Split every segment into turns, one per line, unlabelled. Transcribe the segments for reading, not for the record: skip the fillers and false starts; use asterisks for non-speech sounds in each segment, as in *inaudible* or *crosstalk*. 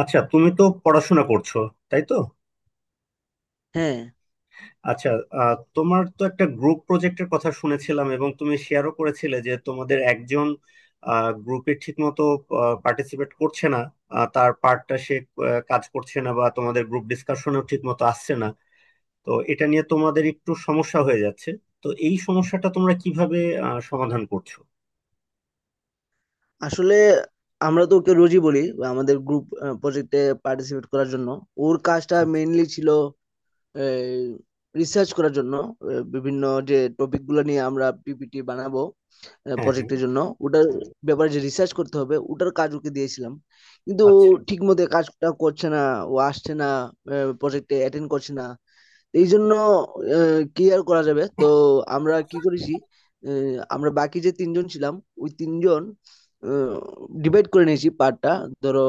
আচ্ছা, তুমি তো পড়াশোনা করছো, তাই তো?
হ্যাঁ,
আচ্ছা। তোমার তো একটা গ্রুপ প্রজেক্টের কথা শুনেছিলাম, এবং তুমি শেয়ারও করেছিলে যে তোমাদের একজন গ্রুপে ঠিকমতো পার্টিসিপেট করছে না। তার পার্টটা সে কাজ করছে না, বা তোমাদের গ্রুপ ডিসকাশনেও ঠিকমতো আসছে না। তো এটা নিয়ে তোমাদের একটু সমস্যা হয়ে যাচ্ছে। তো এই সমস্যাটা তোমরা কিভাবে সমাধান করছো?
আসলে আমরা তো ওকে রোজই বলি বা আমাদের গ্রুপ প্রজেক্টে পার্টিসিপেট করার জন্য। ওর কাজটা
আচ্ছা।
মেইনলি ছিল রিসার্চ করার জন্য, বিভিন্ন যে টপিক গুলো নিয়ে আমরা পিপিটি বানাবো
হ্যাঁ, হ্যাঁ।
প্রজেক্টের জন্য, ওটার ব্যাপারে যে রিসার্চ করতে হবে, ওটার কাজ ওকে দিয়েছিলাম। কিন্তু ও
আচ্ছা।
ঠিক মতো কাজটা করছে না, ও আসছে না, প্রজেক্টে অ্যাটেন্ড করছে না। এই জন্য কি আর করা যাবে, তো আমরা কি করেছি, আহ, আমরা বাকি যে তিনজন ছিলাম ওই তিনজন ডিভাইড করে নিয়েছি পার্টটা। ধরো,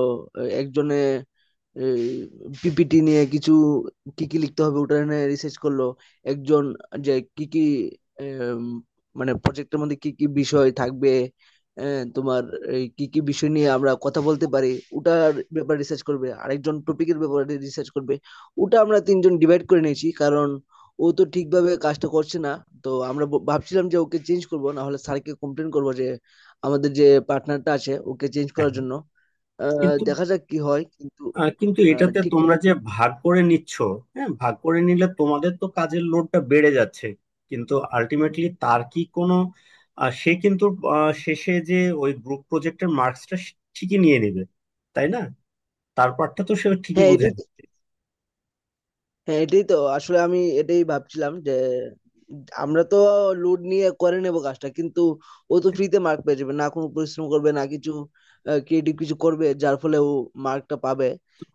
একজনে পিপিটি নিয়ে কিছু কি কি লিখতে হবে ওটা নিয়ে রিসার্চ করলো, একজন যে কি কি এম, মানে প্রজেক্টের মধ্যে কি কি বিষয় থাকবে, এ, তোমার এই কি কি বিষয় নিয়ে আমরা কথা বলতে পারি ওটার ব্যাপারে রিসার্চ করবে, আরেকজন টপিকের ব্যাপারে রিসার্চ করবে। ওটা আমরা তিনজন ডিভাইড করে নিয়েছি, কারণ ও তো ঠিকভাবে কাজটা করছে না। তো আমরা ভাবছিলাম যে ওকে চেঞ্জ করবো, না হলে স্যারকে কমপ্লেন করবো যে আমাদের যে পার্টনারটা আছে ওকে চেঞ্জ
হ্যাঁ,
করার জন্য।
হ্যাঁ।
দেখা যাক কি হয়, কিন্তু
কিন্তু এটাতে
ঠিক
তোমরা
কথা।
যে ভাগ করে নিচ্ছ, হ্যাঁ, ভাগ করে নিলে তোমাদের তো কাজের লোডটা বেড়ে যাচ্ছে, কিন্তু আলটিমেটলি তার কি কোনো সে কিন্তু শেষে যে ওই গ্রুপ প্রজেক্টের মার্কসটা ঠিকই নিয়ে নেবে, তাই না? তার পার্টটা তো সে ঠিকই
হ্যাঁ
বুঝে।
এটাই তো- হ্যাঁ, এটাই তো, আসলে আমি এটাই ভাবছিলাম যে আমরা তো লোড নিয়ে করে নেব কাজটা, কিন্তু ও তো ফ্রিতে মার্ক পেয়ে যাবে, না কোনো পরিশ্রম করবে না কিছু ক্রিয়েটিভ কিছু করবে যার ফলে ও মার্কটা পাবে।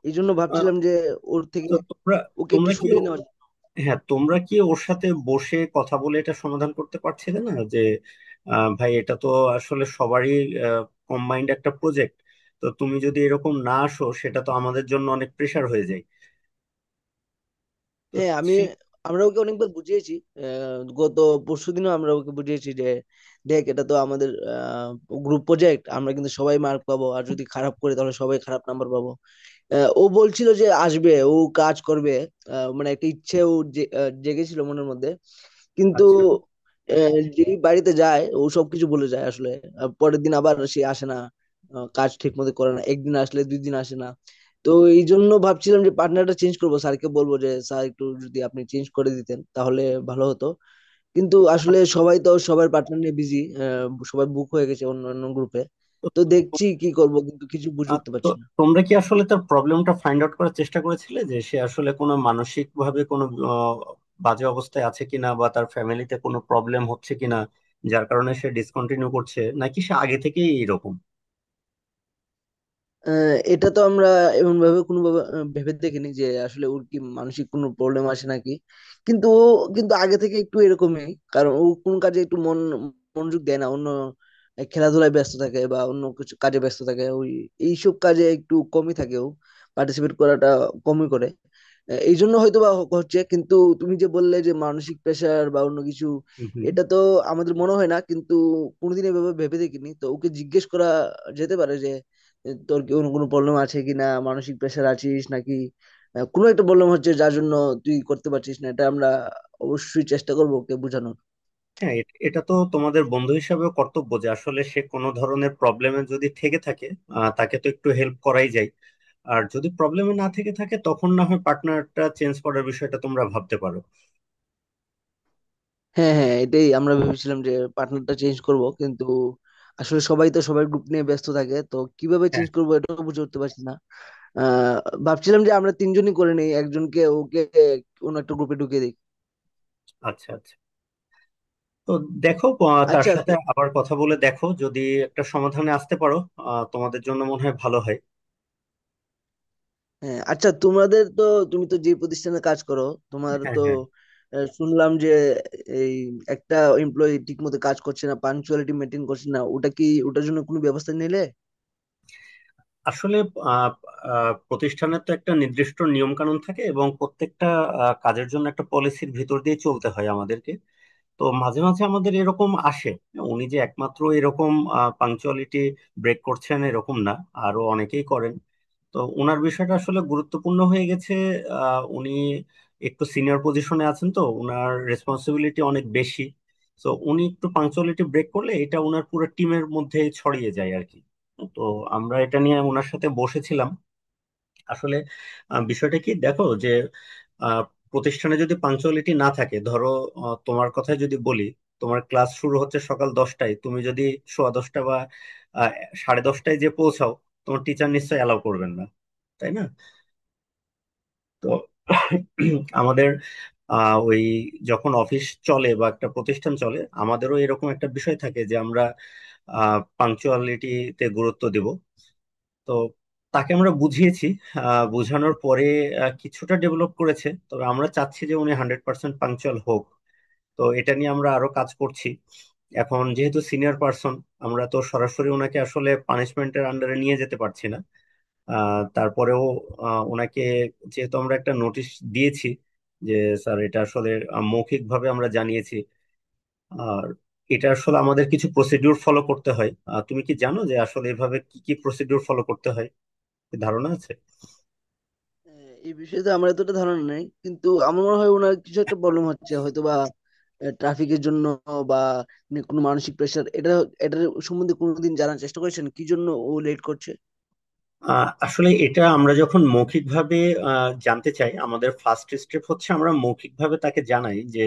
এই জন্য
আহ,
ভাবছিলাম যে ওর থেকে
তো তোমরা,
ওকে একটু
তোমরা কি,
সরিয়ে নেওয়া যায়।
হ্যাঁ, তোমরা কি ওর সাথে বসে কথা বলে এটা সমাধান করতে পারছিলে না যে ভাই, এটা তো আসলে সবারই কম্বাইন্ড একটা প্রজেক্ট, তো তুমি যদি এরকম না আসো সেটা তো আমাদের জন্য অনেক প্রেশার হয়ে যায়। তো
হ্যাঁ,
সেই।
আমরা ওকে অনেকবার বুঝিয়েছি। গত পরশুদিনও আমরা ওকে বুঝিয়েছি যে দেখ এটা তো আমাদের গ্রুপ প্রজেক্ট, আমরা কিন্তু সবাই মার্ক পাবো, আর যদি খারাপ করে তাহলে সবাই খারাপ নাম্বার পাবো। ও বলছিল যে আসবে, ও কাজ করবে, মানে একটা ইচ্ছে ও জেগেছিল মনের মধ্যে। কিন্তু
আচ্ছা,
যেই বাড়িতে যায় ও সবকিছু বলে যায় আসলে। পরের দিন আবার সে আসে না, কাজ ঠিক মতো করে না, একদিন আসলে দুই দিন আসে না। তো এই জন্য ভাবছিলাম যে পার্টনারটা চেঞ্জ করবো, স্যারকে বলবো যে স্যার একটু যদি আপনি চেঞ্জ করে দিতেন তাহলে ভালো হতো। কিন্তু আসলে
আচ্ছা।
সবাই তো সবার পার্টনার নিয়ে বিজি, সবাই বুক হয়ে গেছে অন্য অন্য গ্রুপে।
তো
তো দেখছি কি করব, কিন্তু কিছু বুঝে উঠতে
তো
পারছি না।
তোমরা কি আসলে তার প্রবলেমটা ফাইন্ড আউট করার চেষ্টা করেছিলে যে সে আসলে কোনো মানসিক ভাবে কোনো আহ, বাজে অবস্থায় আছে কিনা, বা তার ফ্যামিলিতে কোনো প্রবলেম হচ্ছে কিনা, যার কারণে সে ডিসকন্টিনিউ করছে, নাকি সে আগে থেকেই এরকম?
আহ, এটা তো আমরা এমন ভাবে কোনো ভাবে, ভেবে দেখিনি যে আসলে ওর কি মানসিক কোনো প্রবলেম আসে নাকি। কিন্তু ও কিন্তু আগে থেকে একটু এরকমই, কারণ ও কোন কাজে একটু মনোযোগ দেয় না, অন্য খেলাধুলায় ব্যস্ত থাকে বা অন্য কিছু কাজে ব্যস্ত থাকে। ওই এইসব কাজে একটু কমই থাকে ও, পার্টিসিপেট করাটা কমই করে। এই জন্য হয়তো বা হচ্ছে। কিন্তু তুমি যে বললে যে মানসিক প্রেশার বা অন্য কিছু,
হুম, হুম।
এটা তো আমাদের মনে হয় না, কিন্তু কোনোদিন এভাবে ভেবে দেখিনি। তো ওকে জিজ্ঞেস করা যেতে পারে যে তোর কি কোনো কোনো প্রবলেম আছে কি না, মানসিক প্রেশার আছিস নাকি, কোনো একটা প্রবলেম হচ্ছে যার জন্য তুই করতে পারছিস না। এটা আমরা অবশ্যই চেষ্টা করবো ওকে বোঝানোর।
হ্যাঁ, এটা তো তোমাদের বন্ধু হিসাবেও কর্তব্য যে আসলে সে কোনো ধরনের প্রবলেমে যদি থেকে থাকে, তাকে তো একটু হেল্প করাই যায়। আর যদি প্রবলেমে না থেকে থাকে তখন না হয় পার্টনারটা চেঞ্জ করার বিষয়টা তোমরা ভাবতে পারো।
হ্যাঁ হ্যাঁ, এটাই আমরা ভেবেছিলাম যে পার্টনারটা চেঞ্জ করব, কিন্তু আসলে সবাই তো সবার গ্রুপ নিয়ে ব্যস্ত থাকে, তো কিভাবে
হ্যাঁ।
চেঞ্জ করবো এটাও বুঝে উঠতে পারছি না। আহ ভাবছিলাম যে আমরা তিনজনই করে নিই, একজনকে ওকে অন্য একটা গ্রুপে ঢুকিয়ে দিই।
আচ্ছা, আচ্ছা। তো দেখো, তার
আচ্ছা।
সাথে আবার কথা বলে দেখো যদি একটা সমাধানে আসতে পারো, তোমাদের জন্য মনে হয় ভালো হয়।
হ্যাঁ, আচ্ছা, তোমাদের তো, তুমি তো যে প্রতিষ্ঠানে কাজ করো, তোমার
হ্যাঁ,
তো
হ্যাঁ।
শুনলাম যে এই একটা এমপ্লয়ি ঠিক মতো কাজ করছে না, পাঞ্চুয়ালিটি মেনটেন করছে না, ওটা কি ওটার জন্য কোনো ব্যবস্থা নিলে?
আসলে আহ, আহ, প্রতিষ্ঠানের তো একটা নির্দিষ্ট নিয়ম কানুন থাকে, এবং প্রত্যেকটা কাজের জন্য একটা পলিসির ভিতর দিয়ে চলতে হয় আমাদেরকে। তো মাঝে মাঝে আমাদের এরকম আসে। উনি যে একমাত্র এরকম পাংচুয়ালিটি ব্রেক করছেন এরকম না, আরো অনেকেই করেন। তো ওনার বিষয়টা আসলে গুরুত্বপূর্ণ হয়ে গেছে। উনি একটু সিনিয়র পজিশনে আছেন, তো ওনার রেসপন্সিবিলিটি অনেক বেশি। তো উনি একটু পাংচুয়ালিটি ব্রেক করলে এটা ওনার পুরো টিমের মধ্যে ছড়িয়ে যায় আর কি। তো আমরা এটা নিয়ে ওনার সাথে বসেছিলাম। আসলে বিষয়টা কি দেখো যে আহ, প্রতিষ্ঠানে যদি পাঞ্চুয়ালিটি না থাকে, ধরো, তোমার কথাই যদি বলি, তোমার ক্লাস শুরু হচ্ছে সকাল দশটায়, তুমি যদি সোয়া দশটা বা আহ, সাড়ে দশটায় যে পৌঁছাও, তোমার টিচার নিশ্চয়ই অ্যালাউ করবেন না, তাই না? তো আমাদের ওই যখন অফিস চলে বা একটা প্রতিষ্ঠান চলে আমাদেরও এরকম একটা বিষয় থাকে যে আমরা পাংচুয়ালিটিতে গুরুত্ব দিব। তো তাকে আমরা বুঝিয়েছি। বোঝানোর পরে কিছুটা ডেভেলপ করেছে, তবে আমরা চাচ্ছি যে উনি 100% পাংচুয়াল হোক। তো এটা নিয়ে আমরা আরো কাজ করছি। এখন যেহেতু সিনিয়র পার্সন, আমরা তো সরাসরি ওনাকে আসলে পানিশমেন্টের আন্ডারে নিয়ে যেতে পারছি না। তারপরেও ওনাকে যেহেতু আমরা একটা নোটিশ দিয়েছি যে স্যার এটা আসলে মৌখিকভাবে আমরা জানিয়েছি। আর এটা আসলে আমাদের কিছু প্রসিডিউর ফলো করতে হয়। তুমি কি জানো যে আসলে এভাবে কি কি প্রসিডিউর ফলো করতে হয়? কি ধারণা আছে?
আহ, এই বিষয়ে তো আমার এতটা ধারণা নেই, কিন্তু আমার মনে হয় ওনার কিছু একটা প্রবলেম হচ্ছে, হয়তো বা ট্রাফিকের জন্য, বা উনি কোনো মানসিক প্রেশার। এটার সম্বন্ধে কোনোদিন জানার চেষ্টা করেছেন কি জন্য ও লেট করছে?
আসলে এটা আমরা যখন মৌখিকভাবে জানতে চাই, আমাদের ফার্স্ট স্টেপ হচ্ছে আমরা মৌখিকভাবে তাকে জানাই যে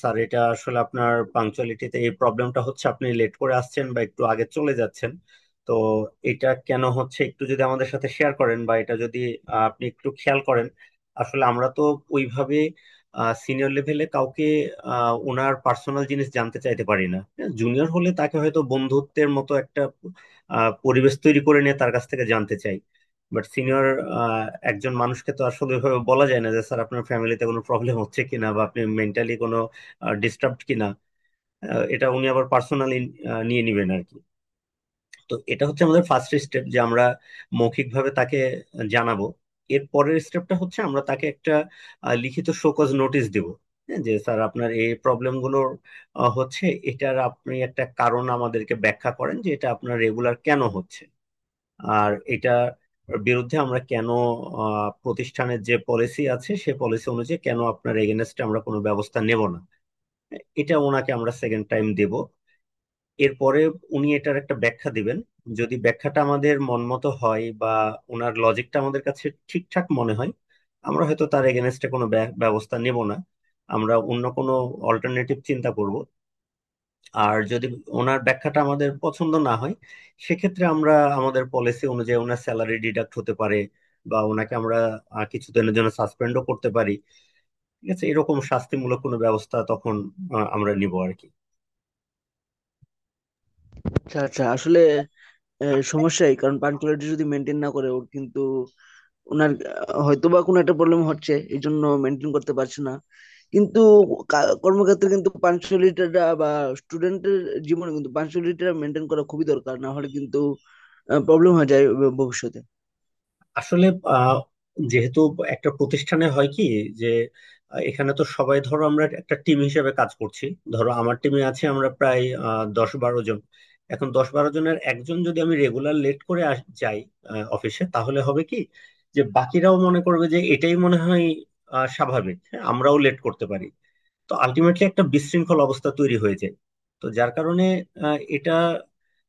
স্যার এটা আসলে আপনার পাংচুয়ালিটিতে এই প্রবলেমটা হচ্ছে, আপনি লেট করে আসছেন বা একটু আগে চলে যাচ্ছেন। তো এটা কেন হচ্ছে একটু যদি আমাদের সাথে শেয়ার করেন, বা এটা যদি আপনি একটু খেয়াল করেন। আসলে আমরা তো ওইভাবে সিনিয়র লেভেলে কাউকে ওনার পার্সোনাল জিনিস জানতে চাইতে পারি না। জুনিয়র হলে তাকে হয়তো বন্ধুত্বের মতো একটা পরিবেশ তৈরি করে নিয়ে তার কাছ থেকে জানতে চাই, বাট সিনিয়র একজন মানুষকে তো আসলে ওইভাবে বলা যায় না যে স্যার আপনার ফ্যামিলিতে কোনো প্রবলেম হচ্ছে কিনা, বা আপনি মেন্টালি কোনো ডিস্টার্বড কিনা। এটা উনি আবার পার্সোনালি নিয়ে নেবেন আর কি। তো এটা হচ্ছে আমাদের ফার্স্ট স্টেপ যে আমরা মৌখিকভাবে তাকে জানাবো। এর পরের স্টেপটা হচ্ছে আমরা তাকে একটা লিখিত শোকজ নোটিশ দেব। হ্যাঁ, যে স্যার আপনার এই প্রবলেমগুলোর হচ্ছে, এটার আপনি একটা কারণ আমাদেরকে ব্যাখ্যা করেন যে এটা আপনার রেগুলার কেন হচ্ছে। আর এটা বিরুদ্ধে আমরা কেন প্রতিষ্ঠানের যে পলিসি আছে সে পলিসি অনুযায়ী কেন আপনার এগেনস্টে আমরা কোনো ব্যবস্থা নেব না। এটা ওনাকে আমরা সেকেন্ড টাইম দেব। এরপরে উনি এটার একটা ব্যাখ্যা দিবেন। যদি ব্যাখ্যাটা আমাদের মনমতো হয়, বা ওনার লজিকটা আমাদের কাছে ঠিকঠাক মনে হয়, আমরা হয়তো তার এগেনস্টে কোনো ব্যবস্থা নেব না, আমরা অন্য কোনো অল্টারনেটিভ চিন্তা করব। আর যদি ওনার ব্যাখ্যাটা আমাদের পছন্দ না হয়, সেক্ষেত্রে আমরা আমাদের পলিসি অনুযায়ী ওনার স্যালারি ডিডাক্ট হতে পারে, বা ওনাকে আমরা কিছুদিনের জন্য সাসপেন্ডও করতে পারি। ঠিক আছে, এরকম শাস্তিমূলক কোনো ব্যবস্থা তখন আমরা নিব আর কি।
আচ্ছা আচ্ছা, আসলে সমস্যাই, কারণ পাঞ্চুয়ালিটি যদি মেনটেন না করে ওর কিন্তু, ওনার হয়তোবা কোনো একটা প্রবলেম হচ্ছে এই জন্য মেনটেন করতে পারছে না। কিন্তু কর্মক্ষেত্রে কিন্তু পাঞ্চুয়ালিটিটা, বা স্টুডেন্টের জীবনে কিন্তু পাঞ্চুয়ালিটিটা মেনটেন করা খুবই দরকার, না হলে কিন্তু প্রবলেম হয়ে যায় ভবিষ্যতে।
আসলে আহ, যেহেতু একটা প্রতিষ্ঠানে হয় কি যে এখানে তো সবাই, ধরো আমরা একটা টিম হিসেবে কাজ করছি। ধরো আমার টিমে আছে আমরা প্রায় দশ বারো জন। এখন দশ বারো জনের একজন যদি আমি রেগুলার লেট করে যাই অফিসে, তাহলে হবে কি যে বাকিরাও মনে করবে যে এটাই মনে হয় স্বাভাবিক। হ্যাঁ, আমরাও লেট করতে পারি। তো আলটিমেটলি একটা বিশৃঙ্খল অবস্থা তৈরি হয়ে যায়। তো যার কারণে এটা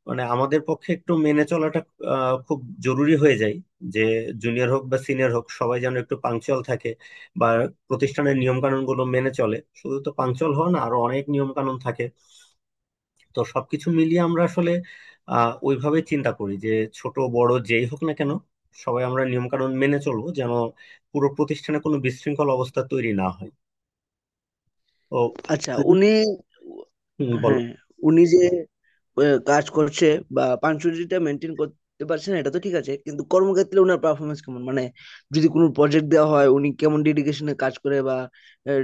মানে আমাদের পক্ষে একটু মেনে চলাটা খুব জরুরি হয়ে যায়, যে জুনিয়র হোক বা সিনিয়র হোক সবাই যেন একটু পাংচুয়াল থাকে, বা প্রতিষ্ঠানের নিয়ম কানুন গুলো মেনে চলে। শুধু তো পাংচুয়াল হয় না, আরো অনেক নিয়ম কানুন থাকে। তো সবকিছু মিলিয়ে আমরা আসলে ওইভাবে চিন্তা করি যে ছোট বড় যেই হোক না কেন সবাই আমরা নিয়ম কানুন মেনে চলবো, যেন পুরো প্রতিষ্ঠানে কোনো বিশৃঙ্খল অবস্থা তৈরি না হয়। তো
আচ্ছা,
তুমি, হুম, বলো।
হ্যাঁ, উনি যে কাজ করছে বা পাঞ্চুরিটা মেনটেন করতে পারছে না এটা তো ঠিক আছে, কিন্তু কর্মক্ষেত্রে ওনার পারফরমেন্স কেমন? মানে যদি কোনো প্রজেক্ট দেওয়া হয় উনি কেমন ডেডিকেশনে কাজ করে, বা আহ,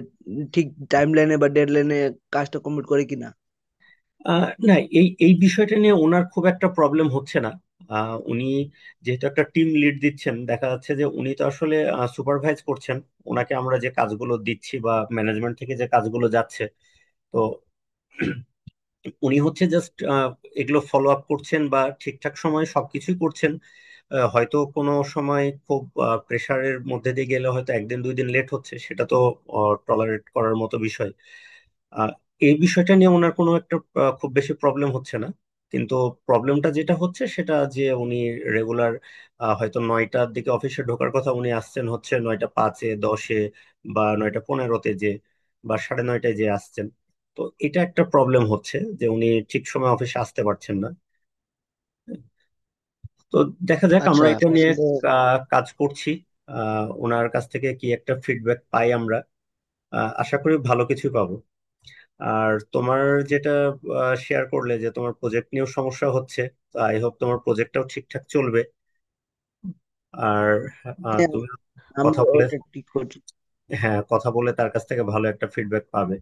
ঠিক টাইম লাইনে বা ডেড লাইনে কাজটা কমপ্লিট করে কিনা?
না, এই এই বিষয়টা নিয়ে ওনার খুব একটা প্রবলেম হচ্ছে না। উনি যেহেতু একটা টিম লিড দিচ্ছেন, দেখা যাচ্ছে যে উনি তো আসলে সুপারভাইজ করছেন ওনাকে আমরা যে কাজগুলো দিচ্ছি বা ম্যানেজমেন্ট থেকে যে কাজগুলো যাচ্ছে। তো *clears throat* উনি হচ্ছে জাস্ট এগুলো ফলো আপ করছেন বা ঠিকঠাক সময়ে সবকিছুই করছেন। হয়তো কোনো সময় খুব প্রেসারের মধ্যে দিয়ে গেলে হয়তো একদিন দুই দিন লেট হচ্ছে, সেটা তো টলারেট করার মতো বিষয়। আহ, এই বিষয়টা নিয়ে ওনার কোনো একটা খুব বেশি প্রবলেম হচ্ছে না। কিন্তু প্রবলেমটা যেটা হচ্ছে সেটা যে উনি রেগুলার হয়তো নয়টার দিকে অফিসে ঢোকার কথা, উনি আসছেন হচ্ছে নয়টা পাঁচে, দশে, বা নয়টা পনেরোতে যে বা সাড়ে নয়টায় যে আসছেন। তো এটা একটা প্রবলেম হচ্ছে যে উনি ঠিক সময় অফিসে আসতে পারছেন না। তো দেখা যাক
আচ্ছা,
আমরা এটা নিয়ে
আসলে,
কাজ করছি। ওনার কাছ থেকে কি একটা ফিডব্যাক পাই আমরা, আশা করি ভালো কিছুই পাবো। আর তোমার যেটা শেয়ার করলে যে তোমার প্রজেক্ট নিয়েও সমস্যা হচ্ছে, তো আই হোপ তোমার প্রজেক্টটাও ঠিকঠাক চলবে। আর
হ্যাঁ,
তুমি কথা
আমরা
বলে,
ওটা ঠিক করছি।
হ্যাঁ, কথা বলে তার কাছ থেকে ভালো একটা ফিডব্যাক পাবে।